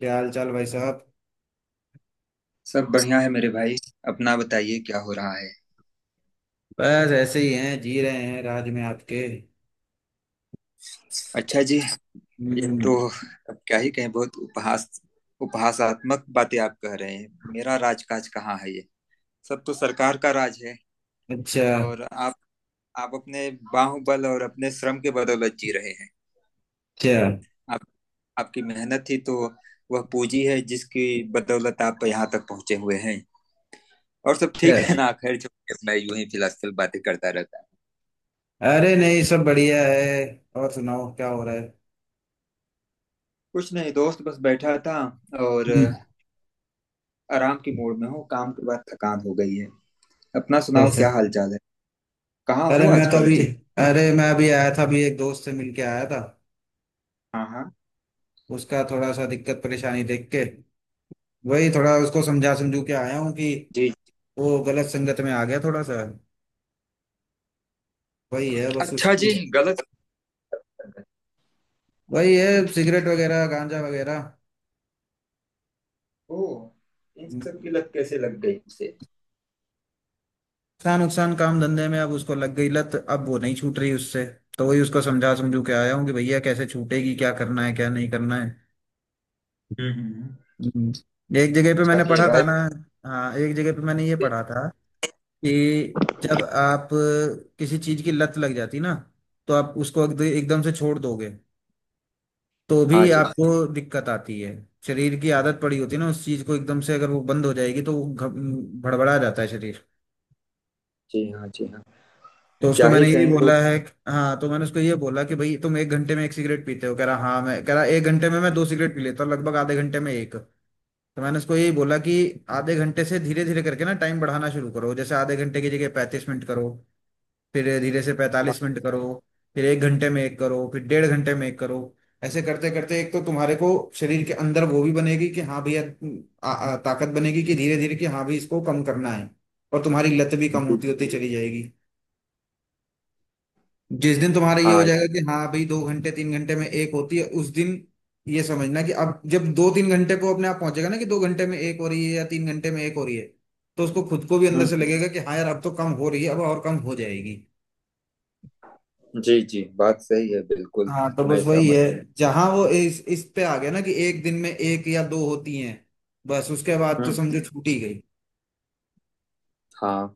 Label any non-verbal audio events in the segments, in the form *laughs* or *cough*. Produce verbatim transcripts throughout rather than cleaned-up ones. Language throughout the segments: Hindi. क्या हाल चाल, भाई साहब। सब बढ़िया है मेरे भाई। अपना बताइए क्या हो रहा है। बस ऐसे ही हैं, जी रहे हैं राज में आपके। अच्छा जी। ये तो, हम्म। अब क्या ही कहें, बहुत उपहास उपहासात्मक बातें आप कह रहे हैं। मेरा राजकाज कहाँ है? ये सब तो सरकार का राज है। अच्छा और आप आप अपने बाहुबल और अपने श्रम के बदौलत जी रहे हैं। अच्छा आप आपकी मेहनत ही तो वह पूंजी है जिसकी बदौलत आप यहाँ तक पहुंचे हुए हैं। और सब ठीक है अच्छा। ना? खैर छोड़िए, मैं यूं ही फिलहाल बातें करता रहता हूँ। अरे नहीं, सब बढ़िया है। और सुनाओ, क्या हो रहा है? कुछ नहीं दोस्त, बस बैठा था और हम्म, आराम की मूड में हूँ। काम के बाद थकान हो गई है। अपना सुनाओ, क्या कैसे? हाल चाल है? कहाँ अरे हो मैं तो आजकल अभी देख। अरे मैं अभी आया था, अभी एक दोस्त से मिलके आया था। हाँ हाँ। उसका थोड़ा सा दिक्कत परेशानी देख के, वही थोड़ा उसको समझा समझू के आया हूँ कि जी। वो गलत संगत में आ गया थोड़ा सा। वही है बस अच्छा उसको, जी, गलत। वही है। सिगरेट वगैरह, गांजा वगैरह। ओ। इन सब की लत कैसे लग गई उसे? नुकसान नुकसान काम धंधे में। अब उसको लग गई लत, अब वो नहीं छूट रही उससे। तो वही उसको समझा समझू के आया हूँ कि भैया कैसे छूटेगी, क्या करना है क्या नहीं करना है। हम्म, हम्म, हम्म। हम्म। एक जगह पे अच्छा मैंने किए पढ़ा अच्छा था भाई। ना। हाँ, एक जगह पे मैंने ये पढ़ा था कि जब आप किसी चीज की लत लग जाती ना, तो आप उसको एक- एकदम से छोड़ दोगे तो हाँ भी जी। आपको दिक्कत आती है। शरीर की आदत पड़ी होती है ना, उस चीज को एकदम से अगर वो बंद हो जाएगी तो वो घ- भड़बड़ा जाता है शरीर। जी हाँ, जी हाँ। तो उसको क्या ही मैंने ये कहें बोला लोग। है। हाँ, तो मैंने उसको ये बोला कि भाई तुम एक घंटे में एक सिगरेट पीते हो, कह रहा हाँ। मैं कह रहा एक घंटे में मैं दो सिगरेट पी लेता हूँ, लगभग आधे घंटे में एक। तो मैंने उसको यही बोला कि आधे घंटे से धीरे धीरे करके ना टाइम बढ़ाना शुरू करो। जैसे आधे घंटे की जगह पैंतीस मिनट करो, फिर धीरे से हाँ पैंतालीस मिनट करो, फिर एक घंटे में एक करो, फिर डेढ़ घंटे में एक करो। ऐसे करते करते एक तो तुम्हारे को शरीर के अंदर वो भी बनेगी कि हाँ भैया, आ- आ- ताकत बनेगी कि धीरे धीरे कि हाँ भाई इसको कम करना है। और तुम्हारी लत भी कम जी होती होती चली जाएगी। जिस दिन तुम्हारा ये हो हाँ। जाएगा कि हाँ भाई दो घंटे तीन घंटे में एक होती है, उस दिन ये समझना कि अब जब दो तीन घंटे को अपने आप पहुंचेगा ना कि दो घंटे में एक हो रही है या तीन घंटे में एक हो रही है, तो उसको खुद को भी अंदर से हम्म। लगेगा कि हाँ यार अब तो कम हो रही है, अब और कम हो जाएगी। जी जी, बात सही है बिल्कुल। हाँ, तो बस मैं वही सहमत है। जहां वो इस इस पे आ गया ना कि एक दिन में एक या दो होती हैं, बस उसके बाद तो हूँ। समझो छूट ही गई। हाँ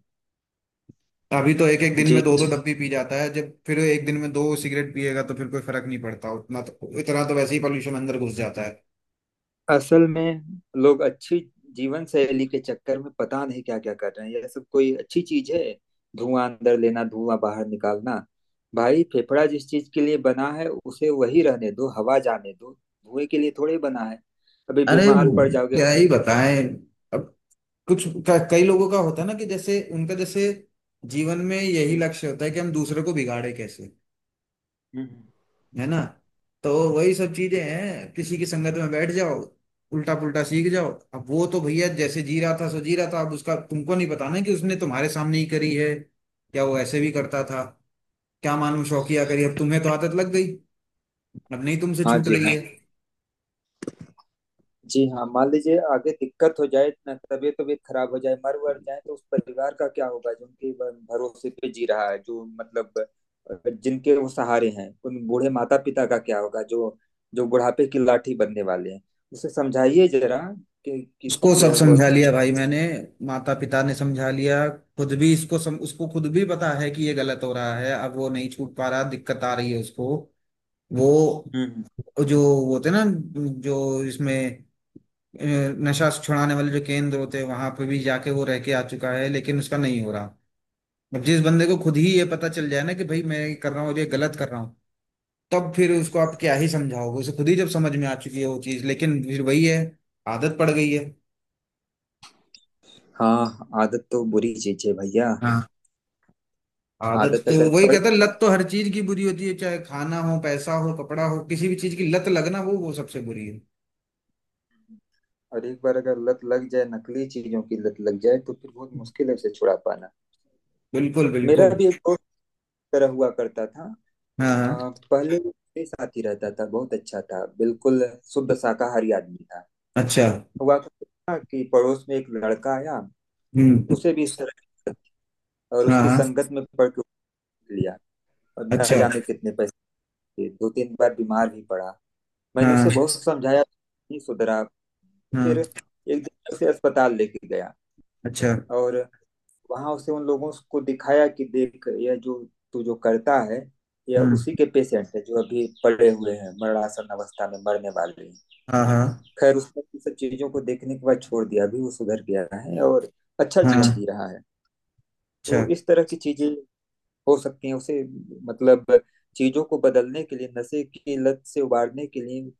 अभी तो एक एक दिन में जी। दो दो डब्बी पी जाता है। जब फिर एक दिन में दो सिगरेट पिएगा तो फिर कोई फर्क नहीं पड़ता उतना, तो इतना तो वैसे ही पॉल्यूशन अंदर घुस जाता है। असल में लोग अच्छी जीवन शैली के चक्कर में पता नहीं क्या क्या कर रहे हैं। यह सब कोई अच्छी चीज है? धुआं अंदर लेना, धुआं बाहर निकालना। भाई फेफड़ा जिस चीज के लिए बना है उसे वही रहने दो। हवा जाने दो, धुएं के लिए थोड़े बना है। अभी अरे, बीमार पड़ जाओगे। क्या ही बताएं। अब कुछ क- कई लोगों का होता है ना कि जैसे उनका, जैसे जीवन में यही हम्म, लक्ष्य होता है कि हम दूसरे को बिगाड़े कैसे, हम्म। है ना। तो वही सब चीजें हैं, किसी की संगत में बैठ जाओ, उल्टा पुल्टा सीख जाओ। अब वो तो भैया जैसे जी रहा था सो जी रहा था, अब उसका तुमको नहीं पता ना कि उसने तुम्हारे सामने ही करी है या वो ऐसे भी करता था। क्या मालूम शौकिया करी, अब तुम्हें तो आदत लग गई, अब नहीं तुमसे हाँ छूट जी रही हाँ। है। जी हाँ, मान लीजिए आगे दिक्कत हो जाए ना, तबीयत तबीयत खराब हो जाए, मर वर जाए, तो उस परिवार का क्या होगा जो उनके भ- भरोसे पे जी रहा है, जो मतलब, अ, जिनके वो सहारे हैं, उन बूढ़े माता पिता का क्या होगा जो जो बुढ़ापे की लाठी बनने वाले हैं। उसे समझाइए जरा। कि किस, उसको सब यह वो समझा किस। लिया भाई मैंने, माता पिता ने समझा लिया। खुद भी इसको सम, उसको खुद भी पता है कि ये गलत हो रहा है, अब वो नहीं छूट पा रहा, दिक्कत आ रही है उसको। वो, हम्म। जो वो होते ना, जो इसमें अ, नशा छुड़ाने वाले जो केंद्र होते हैं, वहां पे भी जाके वो रह के आ चुका है, लेकिन उसका नहीं हो रहा। अब जिस बंदे को खुद ही ये पता चल जाए ना कि भाई मैं ये कर रहा हूँ और ये गलत कर रहा हूँ, तब फिर उसको आप क्या ही समझाओगे? उसे खुद ही जब समझ में आ चुकी है वो चीज, लेकिन फिर वही है, आदत पड़ गई हाँ। आदत तो बुरी चीज है भैया। है। आदत, आदत तो अगर वही पड़, कहता है लत तो हर चीज की बुरी होती है, चाहे खाना हो, पैसा हो, कपड़ा हो, किसी भी चीज की लत लगना वो वो सबसे बुरी है। और एक बार अगर लत लग जाए, नकली चीजों की लत लग जाए, तो फिर बहुत मुश्किल है उसे छुड़ा पाना। बिल्कुल मेरा बिल्कुल। भी एक दोस्त इस तरह हुआ करता था। हाँ हाँ। आ, पहले मेरे साथ ही रहता था, बहुत अच्छा था, बिल्कुल शुद्ध शाकाहारी आदमी था। अच्छा। हुआ क्या था कि पड़ोस में एक लड़का आया। हम्म। उसे भी इस तरह की आदत थी, और हाँ उसकी हाँ। संगत में पड़ के उठ लिया। और न अच्छा। जाने कितने पैसे दिए, दो तीन बार बीमार भी पड़ा। मैंने हाँ उसे बहुत समझाया, नहीं सुधरा। फिर हाँ। एक दिन उसे अस्पताल लेके गया अच्छा। और वहां उसे उन लोगों को दिखाया कि देख, यह जो तू जो करता है, यह हम्म। उसी के पेशेंट है जो अभी पड़े हुए हैं, मरणासन अवस्था में मरने वाले हैं। हाँ हाँ खैर, उसने इन सब चीजों को देखने के बाद छोड़ दिया। अभी वो सुधर गया है और अच्छा हाँ। जीवन अच्छा जी रहा है। अच्छा। तो इस तरह की चीजें हो सकती हैं उसे। मतलब, चीजों को बदलने के लिए, नशे की लत से उबारने के लिए,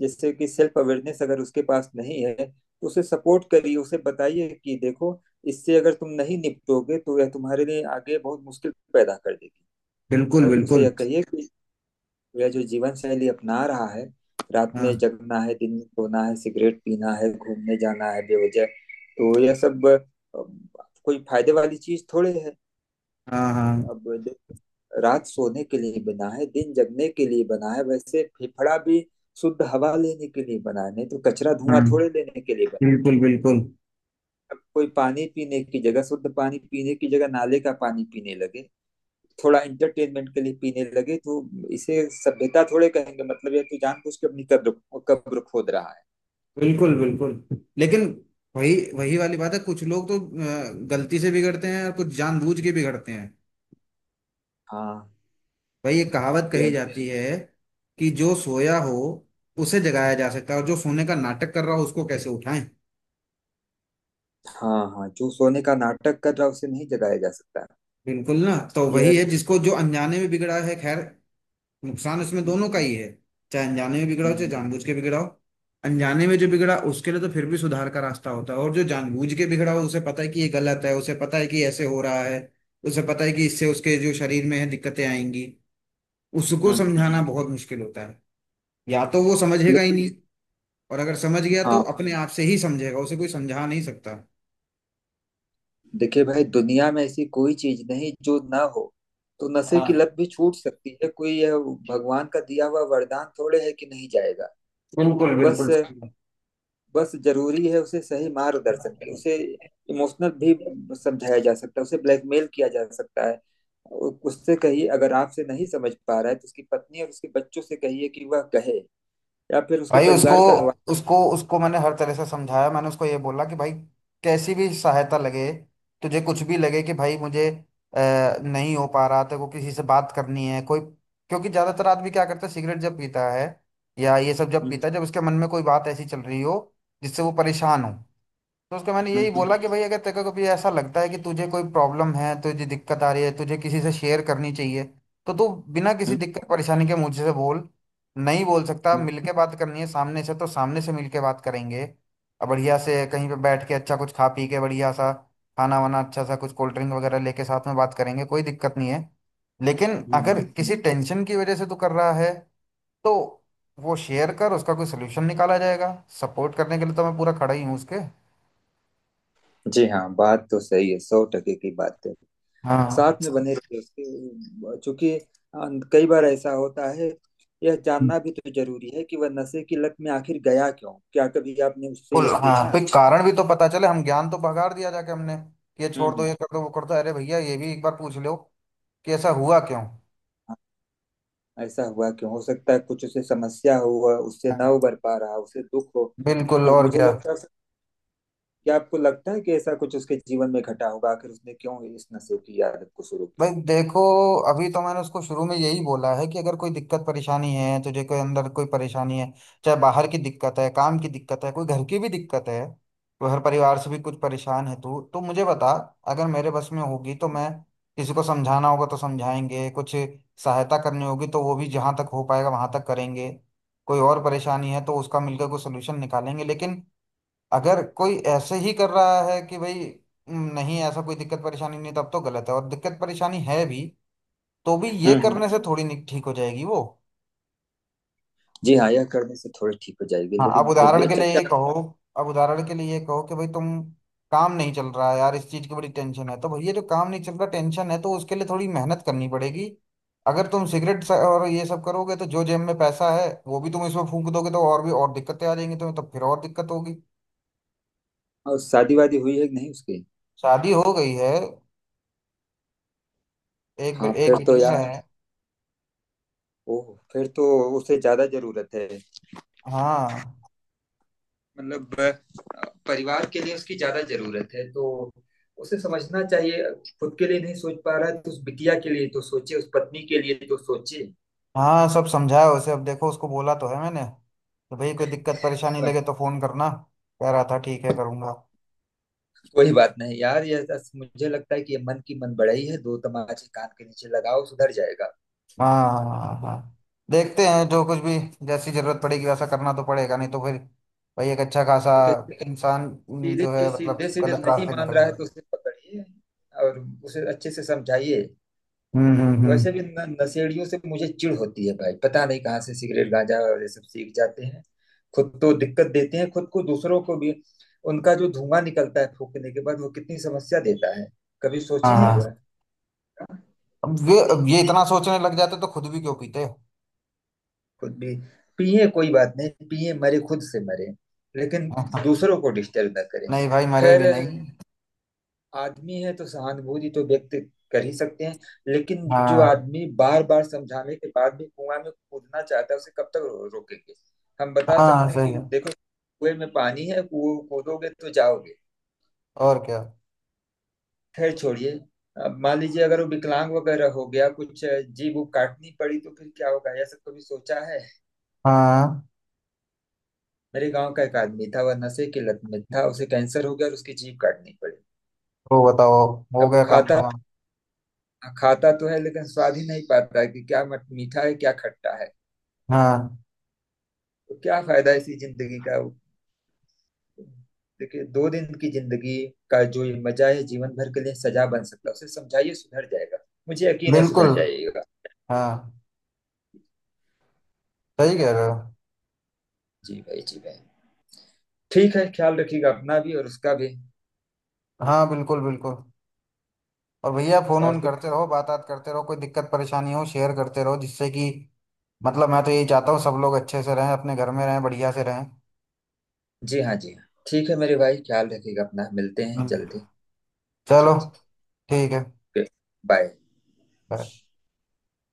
जैसे कि सेल्फ अवेयरनेस अगर उसके पास नहीं है तो उसे सपोर्ट करिए। उसे बताइए कि देखो, इससे अगर तुम नहीं निपटोगे तो यह तुम्हारे लिए आगे बहुत मुश्किल पैदा कर देगी। बिल्कुल और उसे बिल्कुल। यह कहिए कि तो यह जो जीवन शैली अपना रहा है, रात में हाँ जगना है, दिन में सोना है, सिगरेट पीना है, घूमने जाना है बेवजह, तो यह सब अ, कोई फायदे वाली चीज थोड़े है। हाँ हाँ अब दे- रात सोने के लिए बना है, दिन जगने के लिए बना है। वैसे फेफड़ा भी शुद्ध हवा लेने के लिए बना है, नहीं तो कचरा धुआं हाँ। थोड़े लेने के लिए बना है। बिल्कुल बिल्कुल। अब कोई पानी पीने की जगह, शुद्ध पानी पीने की जगह नाले का पानी पीने लगे, थोड़ा एंटरटेनमेंट के लिए पीने लगे, तो इसे सभ्यता थोड़े कहेंगे? मतलब ये तो जानबूझ के अपनी कब्र कब्र खोद रहा है। बिल्कुल बिल्कुल। लेकिन वही वही वाली बात है, कुछ लोग तो अ, गलती से बिगड़ते हैं और कुछ जानबूझ के बिगड़ते हैं। हाँ। भाई ये कहावत कही यह। जाती है कि जो सोया हो उसे जगाया जा सकता है, और जो सोने का नाटक कर रहा हो उसको कैसे उठाएं। हाँ हाँ, जो सोने का नाटक कर रहा है उसे नहीं जगाया जा सकता। बिल्कुल, ना तो वही यह। है जिसको, जो अनजाने में बिगड़ा है, खैर। नुकसान इसमें दोनों का हम्म, ही है, चाहे अनजाने में बिगड़ा हो चाहे जानबूझ के बिगड़ा हो। अनजाने में जो बिगड़ा उसके लिए तो फिर भी सुधार का रास्ता होता है, और जो जानबूझ के बिगड़ा हो उसे पता है कि ये गलत है, उसे पता है कि ऐसे हो रहा है, उसे पता है कि इससे उसके जो शरीर में है दिक्कतें आएंगी। उसको हम्म। समझाना बहुत मुश्किल होता है। या तो वो समझेगा ही लेकिन। नहीं, और अगर समझ गया तो हाँ। अपने आप से ही समझेगा, उसे कोई समझा नहीं सकता। देखिए भाई, दुनिया में ऐसी कोई चीज नहीं जो ना हो, तो नशे की हाँ। लत भी छूट सकती है। कोई यह भगवान का दिया हुआ वरदान थोड़े है कि नहीं जाएगा। बिल्कुल बस बिल्कुल सही बस जरूरी है उसे सही मार्गदर्शन की। उसे बात। इमोशनल भी समझाया जा सकता है, उसे ब्लैकमेल किया जा सकता है। उ- उससे कहिए, अगर आपसे नहीं समझ पा रहा है तो उसकी पत्नी और उसके बच्चों से कहिए कि वह कहे। या फिर उसके भाई उसको परिवार का हवा। उसको उसको मैंने हर तरह से समझाया। मैंने उसको ये बोला कि भाई, कैसी भी सहायता लगे, तुझे कुछ भी लगे कि भाई मुझे अ, नहीं हो पा रहा, तेरे को किसी से बात करनी है कोई। क्योंकि ज्यादातर आदमी क्या करता है, सिगरेट जब पीता है या ये सब जब हम्म, पीता है, जब उसके मन में कोई बात ऐसी चल रही हो जिससे वो परेशान हो। तो उसको मैंने हम्म, यही हम्म, बोला कि भाई, अगर तेरे को कभी ऐसा लगता है कि तुझे कोई प्रॉब्लम है, तुझे दिक्कत आ रही है, तुझे किसी से शेयर करनी चाहिए, तो तू बिना किसी दिक्कत परेशानी के मुझसे बोल। नहीं बोल सकता, हम्म, मिलके बात करनी है सामने से, तो सामने से मिलके बात करेंगे। और बढ़िया से कहीं पे बैठ के, अच्छा कुछ खा पी के, बढ़िया सा खाना वाना, अच्छा सा कुछ कोल्ड ड्रिंक वगैरह लेके साथ में बात करेंगे, कोई दिक्कत नहीं है। लेकिन हम्म। अगर किसी टेंशन की वजह से तू कर रहा है, तो वो शेयर कर, उसका कोई सोल्यूशन निकाला जाएगा। सपोर्ट करने के लिए तो मैं पूरा खड़ा ही हूँ उसके। जी हाँ, बात तो सही है, सौ टके की बात है। हाँ। साथ में बने रहिए उसके, चूंकि अ, कई बार ऐसा होता है। यह जानना भी तो जरूरी है कि वह नशे की लत में आखिर गया क्यों। क्या कभी आपने उससे बिल्कुल यह हाँ, पूछा? फिर कारण भी तो पता चले। हम ज्ञान तो भगाड़ दिया जाके हमने कि ये छोड़ हम्म। दो, ये कर दो, वो कर दो, अरे भैया ये भी एक बार पूछ लो कि ऐसा हुआ क्यों। ऐसा हुआ क्यों? हो सकता है कुछ उसे समस्या हो, वह उससे ना हाँ। उबर पा रहा, उसे दुख हो। बिल्कुल, तो और मुझे क्या। लगता है, क्या आपको लगता है कि ऐसा कुछ उसके जीवन में घटा होगा? आखिर उसने क्यों इस नशे की आदत को शुरू भाई किया? देखो, अभी तो मैंने उसको शुरू में यही बोला है कि अगर कोई दिक्कत परेशानी है, तुझे कोई अंदर कोई परेशानी है, चाहे बाहर की दिक्कत है, काम की दिक्कत है, कोई घर की भी दिक्कत है, घर परिवार से भी कुछ परेशान है तू, तो मुझे बता। अगर मेरे बस में होगी तो मैं, किसी को समझाना होगा तो समझाएंगे, कुछ सहायता करनी होगी तो वो भी जहाँ तक हो पाएगा वहां तक करेंगे, कोई और परेशानी है तो उसका मिलकर कोई सोल्यूशन निकालेंगे। लेकिन अगर कोई ऐसे ही कर रहा है कि भाई "हम्म, नहीं ऐसा कोई दिक्कत परेशानी नहीं", तब तो गलत है। और दिक्कत परेशानी है भी तो भी ये हम्म, हम्म। करने से थोड़ी नहीं ठीक हो जाएगी वो। जी हाँ, यह करने से थोड़ी ठीक हो जाएगी हाँ, अब लेकिन फिर भी उदाहरण के अच्छा। लिए ये कहो, अब उदाहरण के लिए ये कहो कि भाई तुम, काम नहीं चल रहा है यार, इस चीज की बड़ी टेंशन है, तो भैया जो काम नहीं चल रहा टेंशन है, तो उसके लिए थोड़ी मेहनत करनी पड़ेगी। अगर तुम सिगरेट स- और ये सब करोगे, तो जो जेब में पैसा है वो भी तुम इसमें फूंक दोगे, तो और भी, और दिक्कतें आ जाएंगी तुम्हें, तो फिर और दिक्कत होगी। और शादी वादी हुई है कि नहीं उसकी? शादी हो गई है, एक बे- हाँ एक फिर तो बिटिया यार। है। ओह फिर तो उसे ज्यादा जरूरत है। हाँ मतलब परिवार के लिए उसकी ज्यादा जरूरत है, तो उसे समझना चाहिए। खुद के लिए नहीं सोच पा रहा है तो उस बिटिया के लिए तो सोचे, उस पत्नी के लिए तो सोचे। हाँ सब समझाया उसे। अब देखो, उसको बोला तो है मैंने तो, भाई कोई दिक्कत परेशानी हाँ। लगे तो फोन करना। कह रहा था ठीक है करूंगा। कोई बात नहीं यार, ये बस मुझे लगता है कि ये मन की मन बड़ाई है। दो तमाचे कान के नीचे लगाओ, सुधर जाएगा। हाँ हाँ हाँ। देखते हैं, जो कुछ भी, जैसी जरूरत पड़ेगी वैसा करना तो पड़ेगा, नहीं तो फिर भाई एक अच्छा खासा क्योंकि इंसान हम्म, जो सीधे है, मतलब सीधे सीधे गलत नहीं रास्ते मान निकल रहा है तो जाएगा। उसे पकड़िए और उसे अच्छे से समझाइए। हम्म हम्म हम्म। वैसे भी न- नशेड़ियों से मुझे चिढ़ होती है भाई। पता नहीं कहाँ से सिगरेट, गांजा और ये सब सीख जाते हैं। खुद तो दिक्कत देते हैं, खुद को, दूसरों को भी। उनका जो धुआं निकलता है फूकने के बाद, वो कितनी समस्या देता है, कभी हाँ सोचे हैं हाँ। वह? अब ये, अब ये इतना सोचने लग जाते तो खुद भी क्यों पीते। खुद भी पिए, कोई बात नहीं, पिए मरे, खुद से मरे। लेकिन *laughs* दूसरों को डिस्टर्ब ना करें। नहीं भाई मरे खैर, भी नहीं। आदमी है तो सहानुभूति तो व्यक्त कर ही सकते हैं। लेकिन जो हाँ आदमी बार बार समझाने के बाद भी कुआं में कूदना चाहता है, उसे कब तक रो, रोकेंगे। हम बता हाँ सकते हैं सही कि है, देखो, कुएं में पानी है, कूद कूदोगे तो जाओगे। और क्या। खैर छोड़िए। अब मान लीजिए, अगर वो विकलांग वगैरह हो गया कुछ, अ, जीभ वो काटनी पड़ी, तो फिर क्या होगा? यह सब कभी सोचा है? हाँ मेरे गांव का एक आदमी था, वह नशे की लत में था, उसे कैंसर हो गया और उसकी जीभ काटनी पड़ी। तो बताओ, हो अब वो गया काम खाता तमाम। खाता तो है, लेकिन स्वाद ही नहीं पाता है कि क्या मट- मीठा है, क्या खट्टा है। हाँ तो क्या फायदा इसी जिंदगी का? देखिए, दो दिन की जिंदगी का जो ये मजा है, जीवन भर के लिए सजा बन सकता है। उसे समझाइए, सुधर जाएगा। मुझे यकीन है सुधर बिल्कुल। जाइएगा। हाँ सही कह रहे हो। जी भाई, जी भाई। ठीक है, ख्याल रखिएगा अपना भी और उसका भी। हाँ बिल्कुल बिल्कुल। और भैया फोन ऑन और कुछ। करते रहो, बात बात करते रहो, कोई दिक्कत परेशानी हो शेयर करते रहो, जिससे कि, मतलब मैं तो यही चाहता हूँ सब लोग अच्छे से रहें, अपने घर में रहें, बढ़िया से रहें। जी हाँ, जी हाँ, ठीक है मेरे भाई। ख्याल रखिएगा अपना, मिलते हैं हम्म। जल्दी। जी चलो, जी। ठीक है। बाय। Bye।